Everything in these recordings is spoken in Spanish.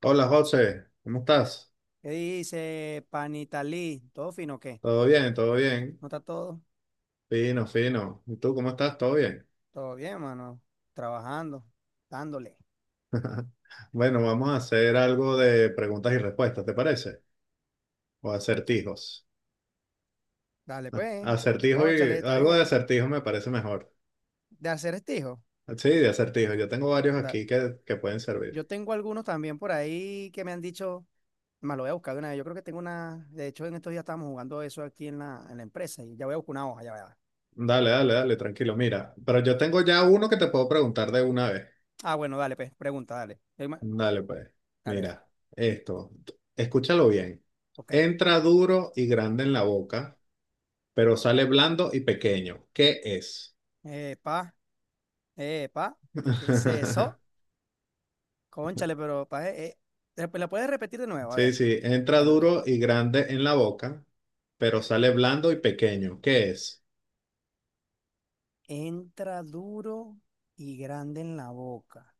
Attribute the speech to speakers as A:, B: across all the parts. A: Hola José, ¿cómo estás?
B: ¿Qué dice Panitalí? ¿Todo fino o qué?
A: ¿Todo bien? ¿Todo bien?
B: ¿No está todo?
A: Fino, fino. ¿Y tú cómo estás? ¿Todo bien?
B: Todo bien, mano. Trabajando, dándole.
A: Bueno, vamos a hacer algo de preguntas y respuestas, ¿te parece? O acertijos.
B: Dale,
A: Ah,
B: pues.
A: acertijo y
B: Cónchale, está
A: algo de
B: bien.
A: acertijo me parece mejor.
B: De hacer estijo.
A: Sí, de acertijo. Yo tengo varios
B: da-
A: aquí que pueden servir.
B: Yo tengo algunos también por ahí que me han dicho, me lo voy a buscar de una vez. Yo creo que tengo una. De hecho, en estos días estábamos jugando eso aquí en la empresa y ya voy a buscar una hoja, ya va.
A: Dale, dale, dale, tranquilo. Mira, pero yo tengo ya uno que te puedo preguntar de una vez.
B: Ah, bueno, dale, pues. Pregunta, dale.
A: Dale, pues.
B: Dale, dale.
A: Mira, esto. Escúchalo bien.
B: Ok.
A: Entra duro y grande en la boca, pero sale blando y pequeño. ¿Qué es?
B: Epa, epa. ¿Qué es eso? Cónchale, pero ¿la puedes repetir de nuevo? A
A: Sí,
B: ver.
A: sí, entra
B: Dale otra vez.
A: duro y grande en la boca, pero sale blando y pequeño. ¿Qué es?
B: Entra duro y grande en la boca,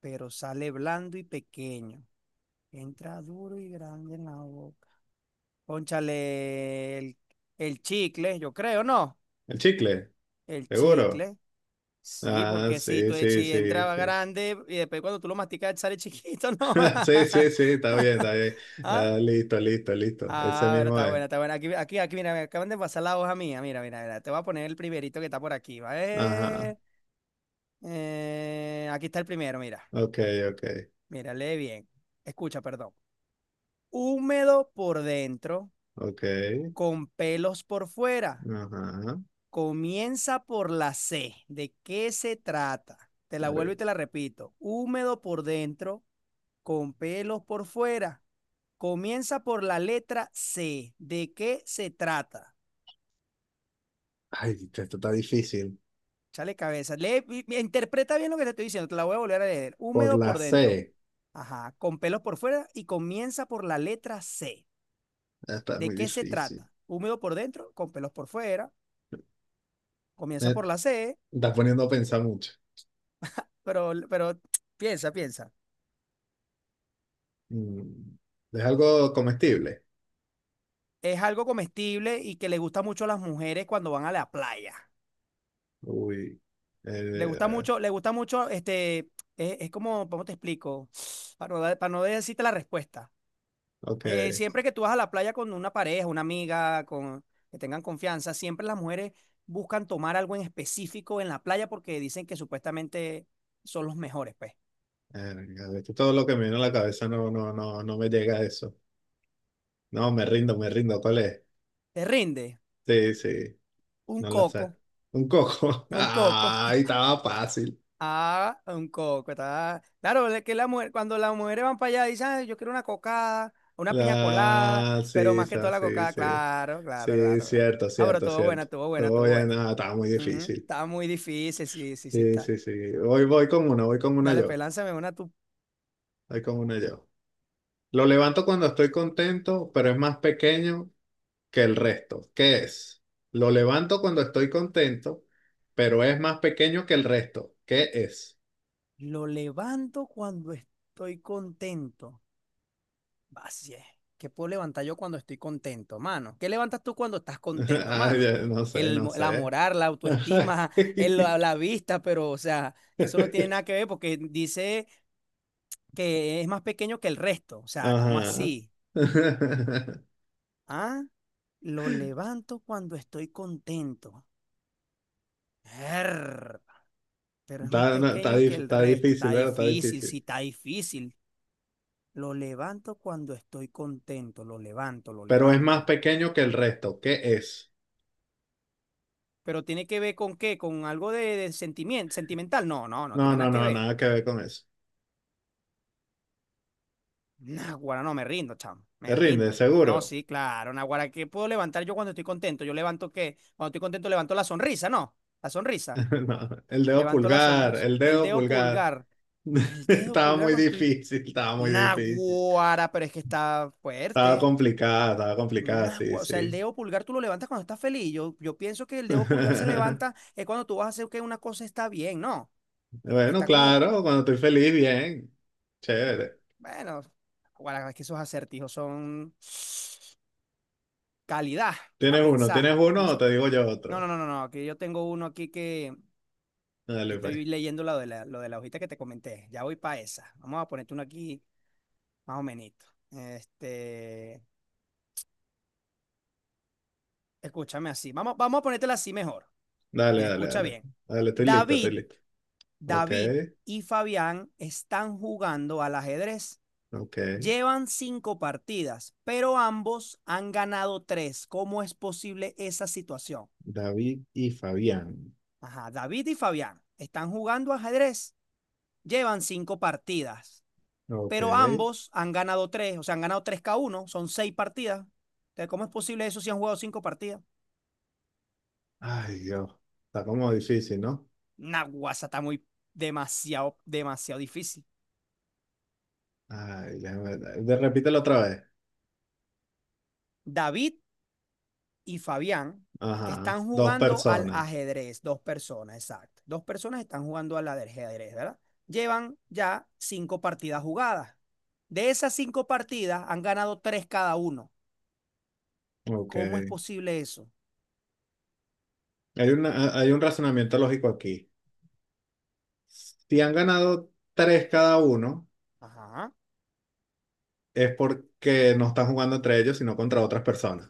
B: pero sale blando y pequeño. Entra duro y grande en la boca. Pónchale el chicle, yo creo, ¿no?
A: ¿El chicle?
B: El
A: ¿Seguro?
B: chicle. Sí,
A: Ah,
B: porque si,
A: sí,
B: tú,
A: sí,
B: si
A: sí,
B: entraba
A: sí.
B: grande y después cuando tú lo masticas sale chiquito, ¿no?
A: Sí, sí, sí, está bien, está bien.
B: ¿Ah?
A: Ah, listo, listo, listo. Ese
B: Ah, bueno,
A: mismo
B: está
A: es.
B: buena, está buena. Aquí, aquí, aquí, mira, me acaban de pasar la hoja mía. Mira, mira, mira. Te voy a poner el primerito que está por aquí, ¿vale?
A: Ajá.
B: Aquí está el primero, mira.
A: Ok, ok,
B: Mírale bien. Escucha, perdón. Húmedo por dentro,
A: ok.
B: con pelos por fuera.
A: Ajá.
B: Comienza por la C. ¿De qué se trata? Te la vuelvo y
A: Arre.
B: te la repito. Húmedo por dentro, con pelos por fuera. Comienza por la letra C. ¿De qué se trata?
A: Ay, esto está difícil.
B: Chale cabeza. Interpreta bien lo que te estoy diciendo. Te la voy a volver a leer.
A: Por
B: Húmedo
A: la
B: por dentro.
A: C.
B: Ajá. Con pelos por fuera y comienza por la letra C.
A: Está
B: ¿De
A: muy
B: qué se
A: difícil.
B: trata? Húmedo por dentro, con pelos por fuera. Comienza
A: Eh,
B: por la C,
A: Está poniendo a pensar mucho.
B: pero piensa, piensa.
A: Mm, ¿Es algo comestible?
B: Es algo comestible y que le gusta mucho a las mujeres cuando van a la playa.
A: Uy. eh,
B: Le gusta mucho, es como, ¿cómo te explico? Para para no decirte la respuesta.
A: ok.
B: Siempre que tú vas a la playa con una pareja, una amiga, con, que tengan confianza, siempre las mujeres buscan tomar algo en específico en la playa porque dicen que supuestamente son los mejores, pues.
A: Verga, de hecho, todo lo que me viene a la cabeza no, no, no, no me llega a eso. No, me rindo, me rindo. ¿Cuál es?
B: Te rinde
A: Sí, sí.
B: un
A: No la sé.
B: coco.
A: Un coco.
B: Un coco.
A: Ay, estaba fácil.
B: Ah, un coco. Está... Claro, es que la mujer, cuando las mujeres van para allá, dicen, "Ay, yo quiero una cocada, una piña colada, pero más que toda la
A: Sí,
B: cocada,
A: sí.
B: claro, claro,
A: Sí,
B: claro, claro".
A: cierto,
B: Ah, pero
A: cierto,
B: estuvo buena,
A: cierto.
B: estuvo buena, estuvo
A: Oye,
B: buena.
A: nada, estaba muy
B: Ujú,
A: difícil.
B: está muy difícil, sí, sí, sí
A: Sí,
B: está.
A: sí, sí. Voy con una, voy con una
B: Dale, pues
A: yo.
B: lánzame una tú.
A: Voy con una yo. Lo levanto cuando estoy contento, pero es más pequeño que el resto. ¿Qué es? Lo levanto cuando estoy contento, pero es más pequeño que el resto. ¿Qué es?
B: Lo levanto cuando estoy contento. Así es. ¿Qué puedo levantar yo cuando estoy contento, mano? ¿Qué levantas tú cuando estás contento,
A: Ay,
B: mano?
A: no sé, no
B: La
A: sé.
B: moral, la autoestima, la vista, pero, o sea, eso no tiene nada que ver porque dice que es más pequeño que el resto. O sea, ¿cómo
A: Ajá.
B: así? Ah, lo levanto cuando estoy contento. Err, pero es más
A: Está, no, está
B: pequeño que
A: dif-
B: el
A: Está
B: resto. Está
A: difícil, ¿verdad? Está
B: difícil, sí,
A: difícil.
B: está difícil. Lo levanto cuando estoy contento. Lo levanto, lo
A: Pero es más
B: levanto.
A: pequeño que el resto. ¿Qué es?
B: Pero tiene que ver con qué, con algo de sentimiento, sentimental. No, no, no
A: No,
B: tiene
A: no,
B: nada que
A: no,
B: ver.
A: nada que ver con eso.
B: Naguará, no, me rindo, chamo,
A: Te
B: me
A: rinde,
B: rindo. No,
A: seguro.
B: sí, claro, Naguará, ¿qué puedo levantar yo cuando estoy contento? Yo levanto qué, cuando estoy contento levanto la sonrisa, ¿no? La sonrisa,
A: No, el dedo
B: levanto la
A: pulgar,
B: sonrisa.
A: el dedo pulgar.
B: El dedo
A: Estaba
B: pulgar
A: muy
B: cuando estoy...
A: difícil, estaba muy difícil.
B: Naguará, pero es que está fuerte.
A: Estaba complicada, sí,
B: Naguará, o sea, el
A: sí.
B: dedo pulgar tú lo levantas cuando estás feliz. Yo pienso que el dedo pulgar se levanta es cuando tú vas a hacer que una cosa está bien, ¿no?
A: Bueno,
B: Está como
A: claro, cuando estoy feliz, bien. Chévere.
B: bueno, guarda, es que esos acertijos son calidad, a
A: ¿Tienes uno? ¿Tienes
B: pensar,
A: uno o
B: Micho.
A: te digo yo
B: No, no,
A: otro?
B: no, no, no, que yo tengo uno aquí que
A: Dale, pues.
B: estoy leyendo lo de lo de la hojita que te comenté. Ya voy para esa. Vamos a ponerte uno aquí más o menos. Este, escúchame así. Vamos a ponértela así mejor.
A: Dale,
B: Mira,
A: dale,
B: escucha
A: dale.
B: bien.
A: Dale, estoy listo, estoy
B: David,
A: listo. Ok,
B: David y Fabián están jugando al ajedrez.
A: ok.
B: Llevan cinco partidas, pero ambos han ganado tres. ¿Cómo es posible esa situación?
A: David y Fabián.
B: Ajá, David y Fabián están jugando ajedrez. Llevan cinco partidas,
A: Ok.
B: pero ambos han ganado tres, o sea, han ganado tres cada uno, son seis partidas. Entonces, ¿cómo es posible eso si han jugado cinco partidas?
A: Ay, Dios. Está como difícil, ¿no?
B: Naguasa está muy demasiado, demasiado difícil.
A: Ay, repítelo otra vez.
B: David y Fabián
A: Ajá.
B: están
A: Dos
B: jugando al
A: personas.
B: ajedrez, dos personas, exacto. Dos personas están jugando al ajedrez, ¿verdad? Llevan ya cinco partidas jugadas. De esas cinco partidas han ganado tres cada uno.
A: Ok.
B: ¿Cómo es posible eso?
A: Hay un razonamiento lógico aquí. Si han ganado tres cada uno,
B: Ajá.
A: es porque no están jugando entre ellos, sino contra otras personas.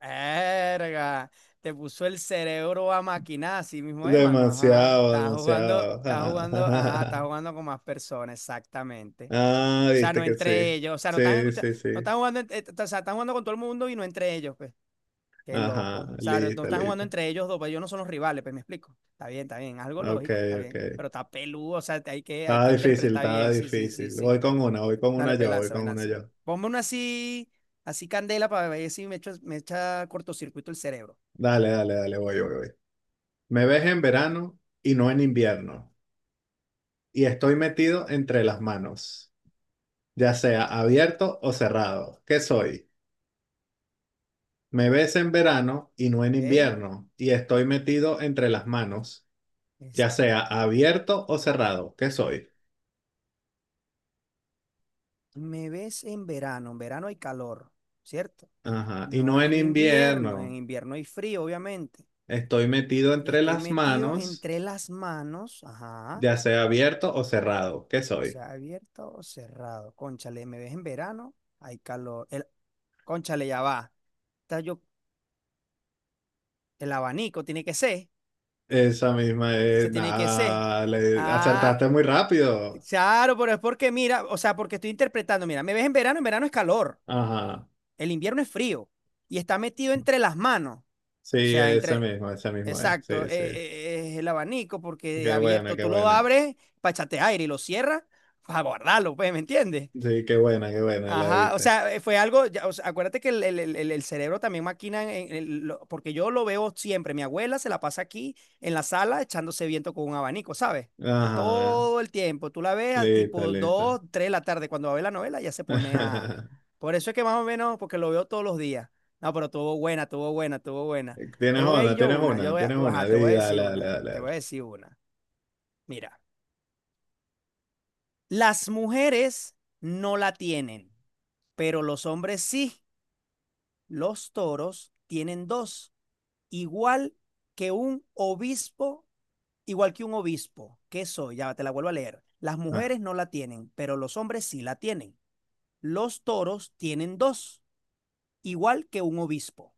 B: Erga, te puso el cerebro a maquinar, así mismo, hermano. Ajá.
A: Demasiado, demasiado.
B: Estás jugando, ajá, estás
A: Ah,
B: jugando con más personas, exactamente. O
A: ah,
B: sea,
A: viste
B: no
A: que sí.
B: entre ellos, o sea, no están
A: Sí,
B: escuchando,
A: sí,
B: no
A: sí.
B: están jugando, o sea, están jugando con todo el mundo y no entre ellos, pues. Qué
A: Ajá,
B: loco. O sea, no
A: listo,
B: están jugando
A: listo.
B: entre ellos dos, pero ellos no son los rivales, pues me explico. Está bien, algo
A: Ok,
B: lógico, está
A: ok.
B: bien. Pero está peludo, o sea, hay
A: Estaba
B: que
A: difícil,
B: interpretar
A: estaba
B: bien. Sí, sí, sí,
A: difícil.
B: sí.
A: Voy con una
B: Dale, pues
A: yo, voy
B: lanza, me
A: con una
B: lanza.
A: yo.
B: Ponme una así, así candela para ver si me echa, me echa cortocircuito el cerebro.
A: Dale, dale, dale, voy, voy, voy. Me ves en verano y no en invierno. Y estoy metido entre las manos, ya sea abierto o cerrado. ¿Qué soy? Me ves en verano y no en
B: ¿Ok?
A: invierno, y estoy metido entre las manos, ya
B: Esto,
A: sea abierto o cerrado, ¿qué soy?
B: me ves en verano hay calor, ¿cierto?
A: Ajá, y
B: No
A: no en
B: en invierno, en
A: invierno,
B: invierno hay frío, obviamente.
A: estoy metido entre
B: Estoy
A: las
B: metido
A: manos,
B: entre las manos, ajá,
A: ya sea abierto o cerrado, ¿qué soy?
B: sea abierto o cerrado. Cónchale, me ves en verano, hay calor. El, cónchale, ya va. Está yo, el abanico tiene que ser.
A: Esa misma es,
B: Ese tiene que ser.
A: nada, le
B: Ah,
A: acertaste muy rápido.
B: claro, pero es porque mira, o sea, porque estoy interpretando. Mira, me ves en verano es calor.
A: Ajá,
B: El invierno es frío. Y está metido entre las manos. O
A: sí,
B: sea,
A: ese
B: entre.
A: mismo, ese mismo es,
B: Exacto,
A: sí, sí.
B: es el abanico porque
A: Qué buena,
B: abierto
A: qué
B: tú lo
A: buena.
B: abres para echarte aire y lo cierras para guardarlo, pues, ¿me entiendes?
A: Sí, qué buena, la
B: Ajá, o
A: diste.
B: sea, fue algo, ya, o sea, acuérdate que el cerebro también maquina, porque yo lo veo siempre, mi abuela se la pasa aquí en la sala echándose viento con un abanico, ¿sabes?
A: Ajá,
B: Todo el tiempo, tú la ves a
A: listo,
B: tipo
A: listo.
B: 2 3 de la tarde, cuando va a ver la novela ya se pone a... Por eso es que más o menos, porque lo veo todos los días. No, pero tuvo buena, tuvo buena, tuvo buena. Te
A: Tienes
B: voy a
A: una,
B: ir yo
A: tienes
B: una,
A: una, tienes una.
B: ajá, te
A: Sí,
B: voy a decir
A: dale, dale,
B: una,
A: dale.
B: te voy
A: Dale.
B: a decir una. Mira, las mujeres no la tienen, pero los hombres sí. Los toros tienen dos, igual que un obispo, igual que un obispo. ¿Qué soy? Ya te la vuelvo a leer. Las
A: Ah,
B: mujeres no la tienen, pero los hombres sí la tienen. Los toros tienen dos, igual que un obispo.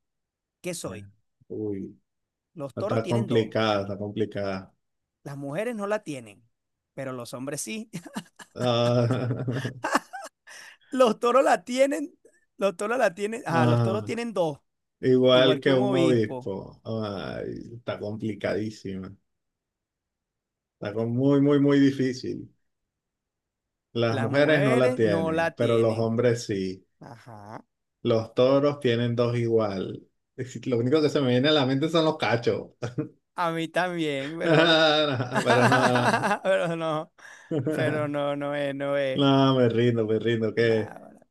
B: ¿Qué soy?
A: uy,
B: Los
A: no
B: toros
A: está
B: tienen dos,
A: complicada, está complicada.
B: las mujeres no la tienen, pero los hombres sí.
A: Ah,
B: Los toros la tienen, los toros la tienen, ah, los toros
A: ajá.
B: tienen dos, igual
A: Igual
B: que
A: que
B: un
A: un
B: obispo.
A: obispo. Ay, está complicadísima. Muy, muy, muy difícil. Las
B: Las
A: mujeres no la
B: mujeres no
A: tienen,
B: la
A: pero los
B: tienen.
A: hombres sí.
B: Ajá.
A: Los toros tienen dos igual. Lo único que se me viene a la mente son los cachos.
B: A mí también, pero
A: Pero no.
B: pero no,
A: No.
B: pero no, no es, no es.
A: No, me rindo, que...
B: Nada,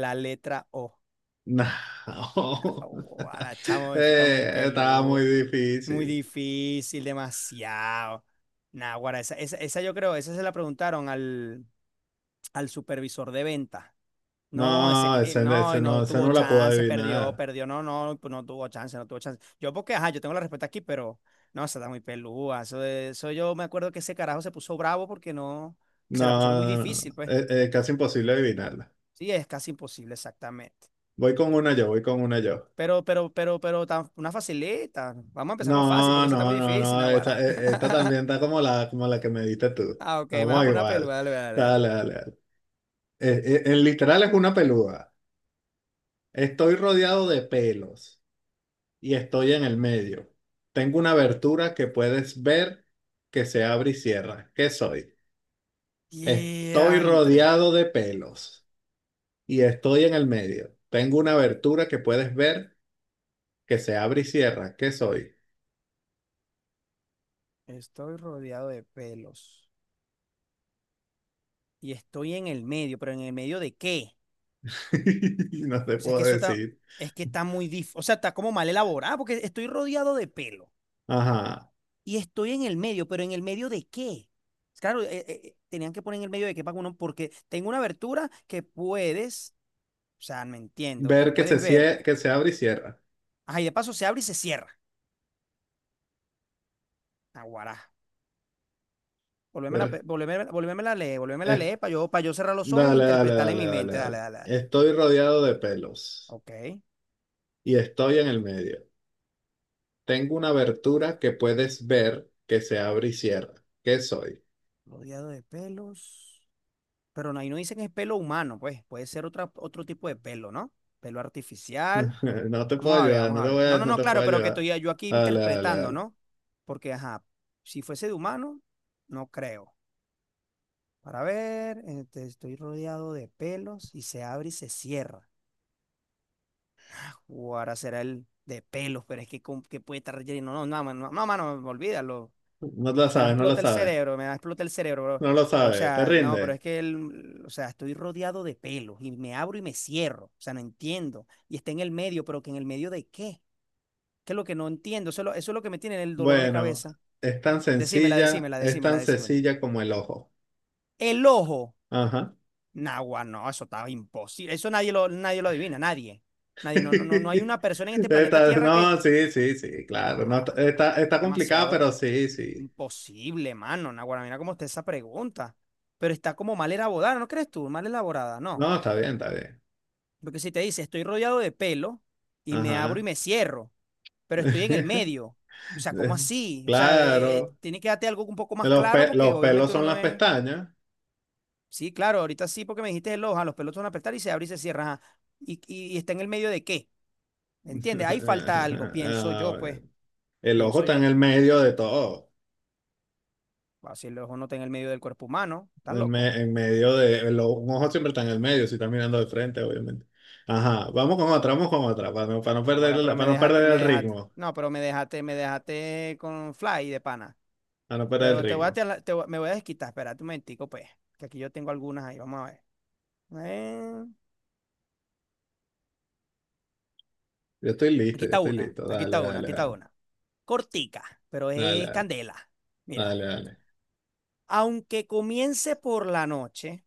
B: la letra O.
A: No.
B: Ahora, chamo, eso está muy
A: Estaba muy
B: peludo, muy
A: difícil.
B: difícil, demasiado. Nah, guara, esa yo creo, esa se la preguntaron al, al supervisor de venta. No, ese,
A: No,
B: no,
A: ese
B: y
A: no,
B: no
A: ese
B: tuvo
A: no la puedo
B: chance, perdió,
A: adivinar.
B: perdió, no, no, pues no tuvo chance, no tuvo chance. Yo porque, ajá, yo tengo la respuesta aquí, pero no, esa está muy peluda. Eso, eso yo me acuerdo que ese carajo se puso bravo porque no, se la pusieron
A: No,
B: muy
A: no, no.
B: difícil, pues.
A: Casi imposible adivinarla.
B: Sí, es casi imposible, exactamente.
A: Voy con una yo, voy con una yo.
B: Pero una facilita. Vamos a empezar con fácil,
A: No,
B: porque esa está muy
A: no, no,
B: difícil,
A: no,
B: Naguará.
A: esta también está como la que me diste tú.
B: Ah, ok, me vas a
A: Vamos
B: poner una pelo.
A: igual.
B: Dale, dale, dale.
A: Dale, dale, dale. Literal es una peluda. Estoy rodeado de pelos y estoy en el medio. Tengo una abertura que puedes ver que se abre y cierra. ¿Qué soy? Estoy
B: Diantre.
A: rodeado de pelos y estoy en el medio. Tengo una abertura que puedes ver que se abre y cierra. ¿Qué soy?
B: Estoy rodeado de pelos. Y estoy en el medio, pero ¿en el medio de qué?
A: No te
B: O sea,
A: puedo
B: que eso está,
A: decir.
B: es que está muy dif. O sea, está como mal elaborado, porque estoy rodeado de pelo.
A: Ajá.
B: Y estoy en el medio, pero ¿en el medio de qué? Claro, tenían que poner en el medio de qué para uno, porque tengo una abertura que puedes. O sea, no entiendo. Que
A: Ver
B: puedes ver.
A: que se abre y cierra.
B: Ajá, y de paso se abre y se cierra. Aguará.
A: Ver-
B: Volvémela, volvémela a
A: eh,
B: leer para yo cerrar los ojos y
A: Dale, dale,
B: interpretarla en
A: dale,
B: mi
A: dale,
B: mente. Dale,
A: dale.
B: dale, dale.
A: Estoy rodeado de pelos
B: Ok.
A: y estoy en el medio. Tengo una abertura que puedes ver que se abre y cierra. ¿Qué soy?
B: Rodeado de pelos. Pero no, ahí no dicen que es pelo humano, pues. Puede ser otra, otro tipo de pelo, ¿no? Pelo artificial.
A: No te puedo
B: Vamos a ver,
A: ayudar,
B: vamos a ver. No, no,
A: no
B: no,
A: te
B: claro,
A: puedo
B: pero que
A: ayudar.
B: estoy yo aquí
A: Dale, dale,
B: interpretando,
A: dale.
B: ¿no? Porque, ajá, si fuese de humano, no creo. Para ver, este, estoy rodeado de pelos y se abre y se cierra. O ahora será el de pelos, pero es que, ¿con qué puede estar relleno? No, no, mano, no, mano, olvídalo.
A: No lo
B: Me va a
A: sabes, no lo
B: explotar el
A: sabes.
B: cerebro, me va a explotar el cerebro, bro.
A: No lo
B: Pero, o
A: sabes, te
B: sea, no,
A: rinde.
B: pero es que, o sea, estoy rodeado de pelos y me abro y me cierro. O sea, no entiendo. Y está en el medio, pero ¿que en el medio de qué? ¿Qué es lo que no entiendo? Eso es lo que me tiene el dolor de
A: Bueno,
B: cabeza. Decímela, decímela,
A: es
B: decímela,
A: tan
B: decímela.
A: sencilla como el ojo.
B: El ojo.
A: Ajá.
B: Nagua, no, eso estaba imposible. Eso nadie lo, nadie lo adivina, nadie. Nadie, no, no, no, no hay una persona en este planeta Tierra que...
A: No, sí, sí, sí,
B: No,
A: claro. No,
B: mano.
A: está complicada,
B: Demasiado
A: pero sí,
B: es
A: sí.
B: imposible, mano. Naguará, mira cómo está esa pregunta. Pero está como mal elaborada, ¿no crees tú? Mal elaborada, no.
A: No, está bien, está bien.
B: Porque si te dice, estoy rodeado de pelo y me abro y
A: Ajá.
B: me cierro, pero estoy en el medio. O sea, ¿cómo así? O sea,
A: Claro.
B: tiene que darte algo un poco más claro porque
A: Los pelos
B: obviamente uno
A: son
B: no
A: las
B: es...
A: pestañas.
B: Sí, claro, ahorita sí, porque me dijiste el ojo, los pelos van a apretar y se abre y se cierra. Ajá. ¿Y está en el medio de qué? ¿Entiendes? Ahí falta algo, pienso yo,
A: Ah,
B: pues,
A: el ojo
B: pienso
A: está en
B: yo.
A: el medio de todo.
B: Bacilo es uno está en el medio del cuerpo humano. ¿Estás
A: El
B: loco?
A: me- en medio de, el o- Un ojo siempre está en el medio, si está mirando de frente, obviamente. Ajá, vamos con otra, para no
B: Ahora, pero me
A: para no
B: dejaste,
A: perder
B: me
A: el
B: dejaste.
A: ritmo.
B: No, pero me dejaste con fly de pana.
A: Para no perder el
B: Pero te voy a,
A: ritmo.
B: tela- te voy- me voy a desquitar. Espérate un momentico, pues. Que aquí yo tengo algunas ahí. Vamos a ver. Eh,
A: Yo estoy
B: aquí
A: listo, yo
B: está
A: estoy
B: una.
A: listo.
B: Aquí
A: Dale,
B: está una.
A: dale,
B: Aquí está
A: dale.
B: una. Cortica, pero
A: Dale,
B: es
A: dale,
B: candela. Mira.
A: dale, dale.
B: Aunque comience por la noche,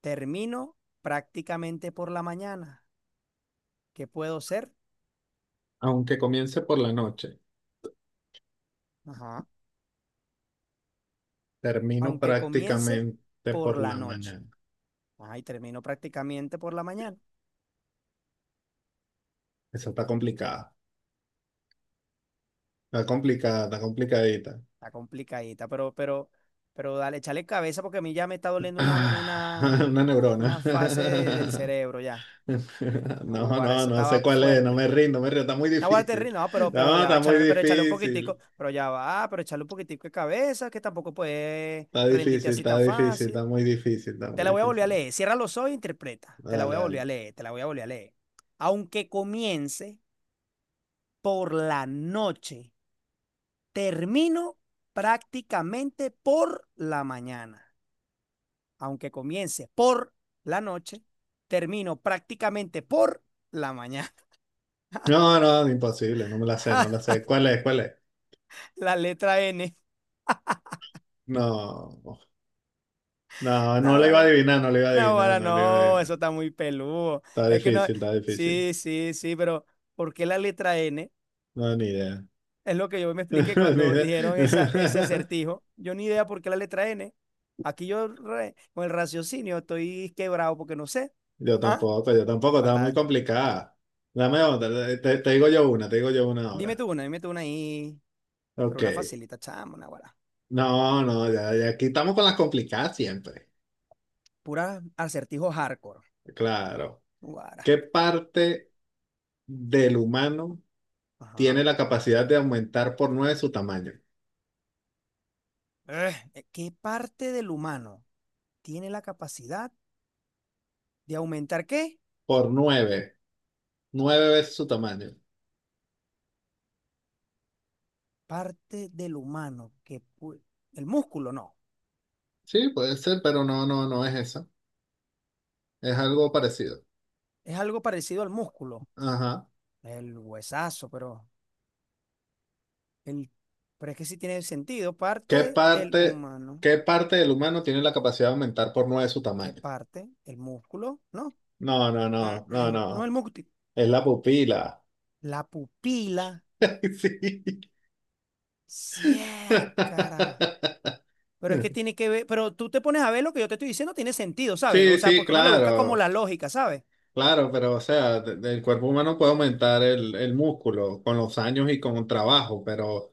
B: termino prácticamente por la mañana. ¿Qué puedo ser?
A: Aunque comience por la noche,
B: Ajá.
A: termino
B: Aunque comience
A: prácticamente
B: por
A: por
B: la
A: la
B: noche.
A: mañana.
B: Ajá, y termino prácticamente por la mañana.
A: Esa está complicada. Está complicada, está complicadita.
B: Está complicadita, pero dale, échale cabeza porque a mí ya me está doliendo
A: Ah, una neurona.
B: una fase del cerebro ya.
A: No,
B: Naguará,
A: no,
B: esa
A: no sé
B: estaba
A: cuál es, no
B: fuerte.
A: me rindo, no me rindo, está muy
B: Naguará, te ríes,
A: difícil.
B: no, pero
A: No,
B: ya va,
A: está muy
B: échale, pero échale un poquitico,
A: difícil.
B: pero ya va, pero échale un poquitico de cabeza, que tampoco puedes
A: Está
B: rendirte
A: difícil,
B: así
A: está
B: tan
A: difícil, está
B: fácil.
A: muy difícil, está
B: Te
A: muy
B: la voy a volver a
A: difícil.
B: leer. Cierra los ojos e interpreta. Te la voy
A: Dale,
B: a volver
A: dale.
B: a leer, te la voy a volver a leer. Aunque comience por la noche termino prácticamente por la mañana. Aunque comience por la noche, termino prácticamente por la mañana.
A: No, no, imposible, no me la sé, no la sé. ¿Cuál es? ¿Cuál es?
B: La letra N.
A: No, no, no la iba a
B: Naguará,
A: adivinar, no la iba a adivinar,
B: naguará,
A: no la iba a
B: no, eso
A: adivinar.
B: está muy peludo.
A: Está
B: Es que no.
A: difícil, está difícil.
B: Sí, sí, sí, pero ¿por qué la letra N?
A: No, ni idea.
B: Es lo que yo me expliqué
A: Ni
B: cuando
A: idea.
B: dijeron ese acertijo. Yo ni idea por qué la letra N. Con el raciocinio estoy quebrado porque no sé. ¿Ah?
A: Yo tampoco, estaba muy
B: Guarda.
A: complicada. Dame otra, te digo yo una, te digo yo una ahora.
B: Dime tú una ahí, pero
A: Ok.
B: una facilita, chamo, una guara.
A: No, no, ya, ya aquí estamos con las complicadas siempre.
B: Pura acertijo hardcore.
A: Claro.
B: Guara.
A: ¿Qué parte del humano
B: Ajá.
A: tiene la capacidad de aumentar por nueve su tamaño?
B: ¿Qué parte del humano tiene la capacidad de aumentar qué?
A: Por nueve, nueve veces su tamaño.
B: Parte del humano que pu- El músculo no.
A: Sí, puede ser, pero no, no, no es eso. Es algo parecido.
B: Es algo parecido al músculo,
A: Ajá.
B: el huesazo, pero el pero es que sí tiene sentido, parte
A: ¿Qué
B: del
A: parte,
B: humano,
A: ¿Qué parte del humano tiene la capacidad de aumentar por nueve su
B: ¿qué
A: tamaño?
B: parte? El músculo, ¿no?
A: No, no, no, no,
B: No el
A: no.
B: músculo,
A: Es la pupila.
B: la pupila,
A: Sí.
B: sí, cara. Pero es que tiene que ver, pero tú te pones a ver lo que yo te estoy diciendo, tiene sentido, ¿sabes?
A: Sí,
B: O sea,
A: sí,
B: porque uno le busca como
A: claro,
B: la lógica, ¿sabes?
A: claro, pero o sea, el cuerpo humano puede aumentar el músculo con los años y con el trabajo, pero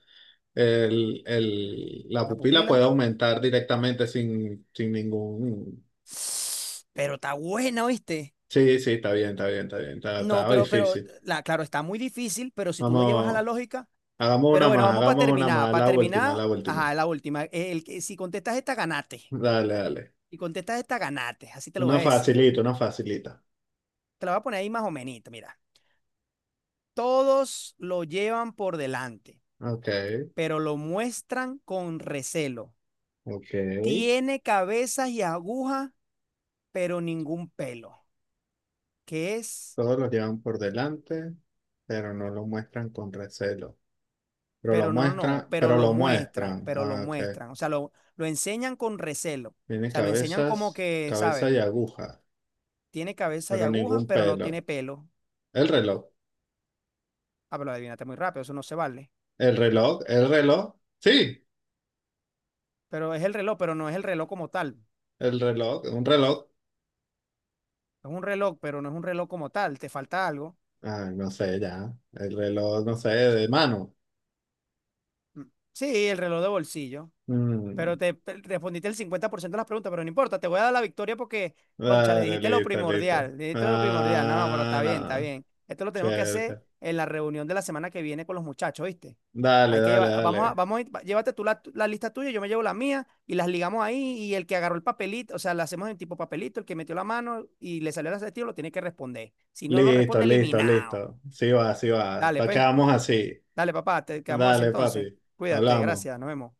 A: la
B: La
A: pupila
B: pupila.
A: puede aumentar directamente sin ningún...
B: Pero está buena, ¿oíste?
A: Sí, sí, está bien, está bien, está bien,
B: No,
A: estaba
B: pero,
A: difícil.
B: la, claro, está muy difícil, pero si tú lo llevas a la
A: Vamos,
B: lógica. Pero bueno, vamos para
A: hagamos una
B: terminar.
A: más,
B: Para
A: la última,
B: terminar,
A: la última.
B: ajá, la última. El, que- si contestas esta, ganate.
A: Dale, dale.
B: Si contestas esta, ganate. Así te lo voy
A: Una
B: a decir.
A: facilita, una facilita.
B: Te la voy a poner ahí más o menos, mira. Todos lo llevan por delante,
A: Ok,
B: pero lo muestran con recelo.
A: ok.
B: Tiene cabezas y agujas pero ningún pelo, que es,
A: Todos los llevan por delante, pero no lo muestran con recelo. Pero lo
B: pero no, no,
A: muestran, pero lo muestran.
B: pero lo
A: Ah, ok.
B: muestran, o sea, lo enseñan con recelo, o
A: Tiene
B: sea, lo enseñan como que,
A: cabeza
B: ¿sabes?
A: y aguja,
B: Tiene cabeza y
A: pero
B: aguja,
A: ningún
B: pero no tiene
A: pelo.
B: pelo.
A: El reloj,
B: Ah, pero adivínate muy rápido, eso no se vale.
A: el reloj, el reloj. Sí,
B: Pero es el reloj, pero no es el reloj como tal.
A: el reloj, un reloj.
B: Es un reloj, pero no es un reloj como tal, te falta algo.
A: Ay, no sé ya. El reloj, no sé, de mano.
B: Mm. Sí, el reloj de bolsillo. Pero
A: Mm.
B: te respondiste el 50% de las preguntas, pero no importa, te voy a dar la victoria porque, concha, le
A: Dale,
B: dijiste lo
A: listo, listo.
B: primordial, le dijiste lo primordial. No, no, pero
A: Ah,
B: está bien, está
A: nada. No.
B: bien. Esto lo tenemos que hacer
A: Chévere.
B: en la reunión de la semana que viene con los muchachos, ¿viste?
A: Dale,
B: Hay que
A: dale,
B: llevar, vamos a,
A: dale.
B: vamos a, ir- va- llévate tú la, la lista tuya, yo me llevo la mía y las ligamos ahí y el que agarró el papelito, o sea, la hacemos en tipo papelito, el que metió la mano y le salió el acertijo lo tiene que responder. Si no lo
A: Listo,
B: responde,
A: listo,
B: eliminado.
A: listo. Sí va, sí va.
B: Dale, pues,
A: Tocamos así.
B: dale, papá, te quedamos así
A: Dale,
B: entonces.
A: papi.
B: Cuídate,
A: Hablamos.
B: gracias, nos vemos.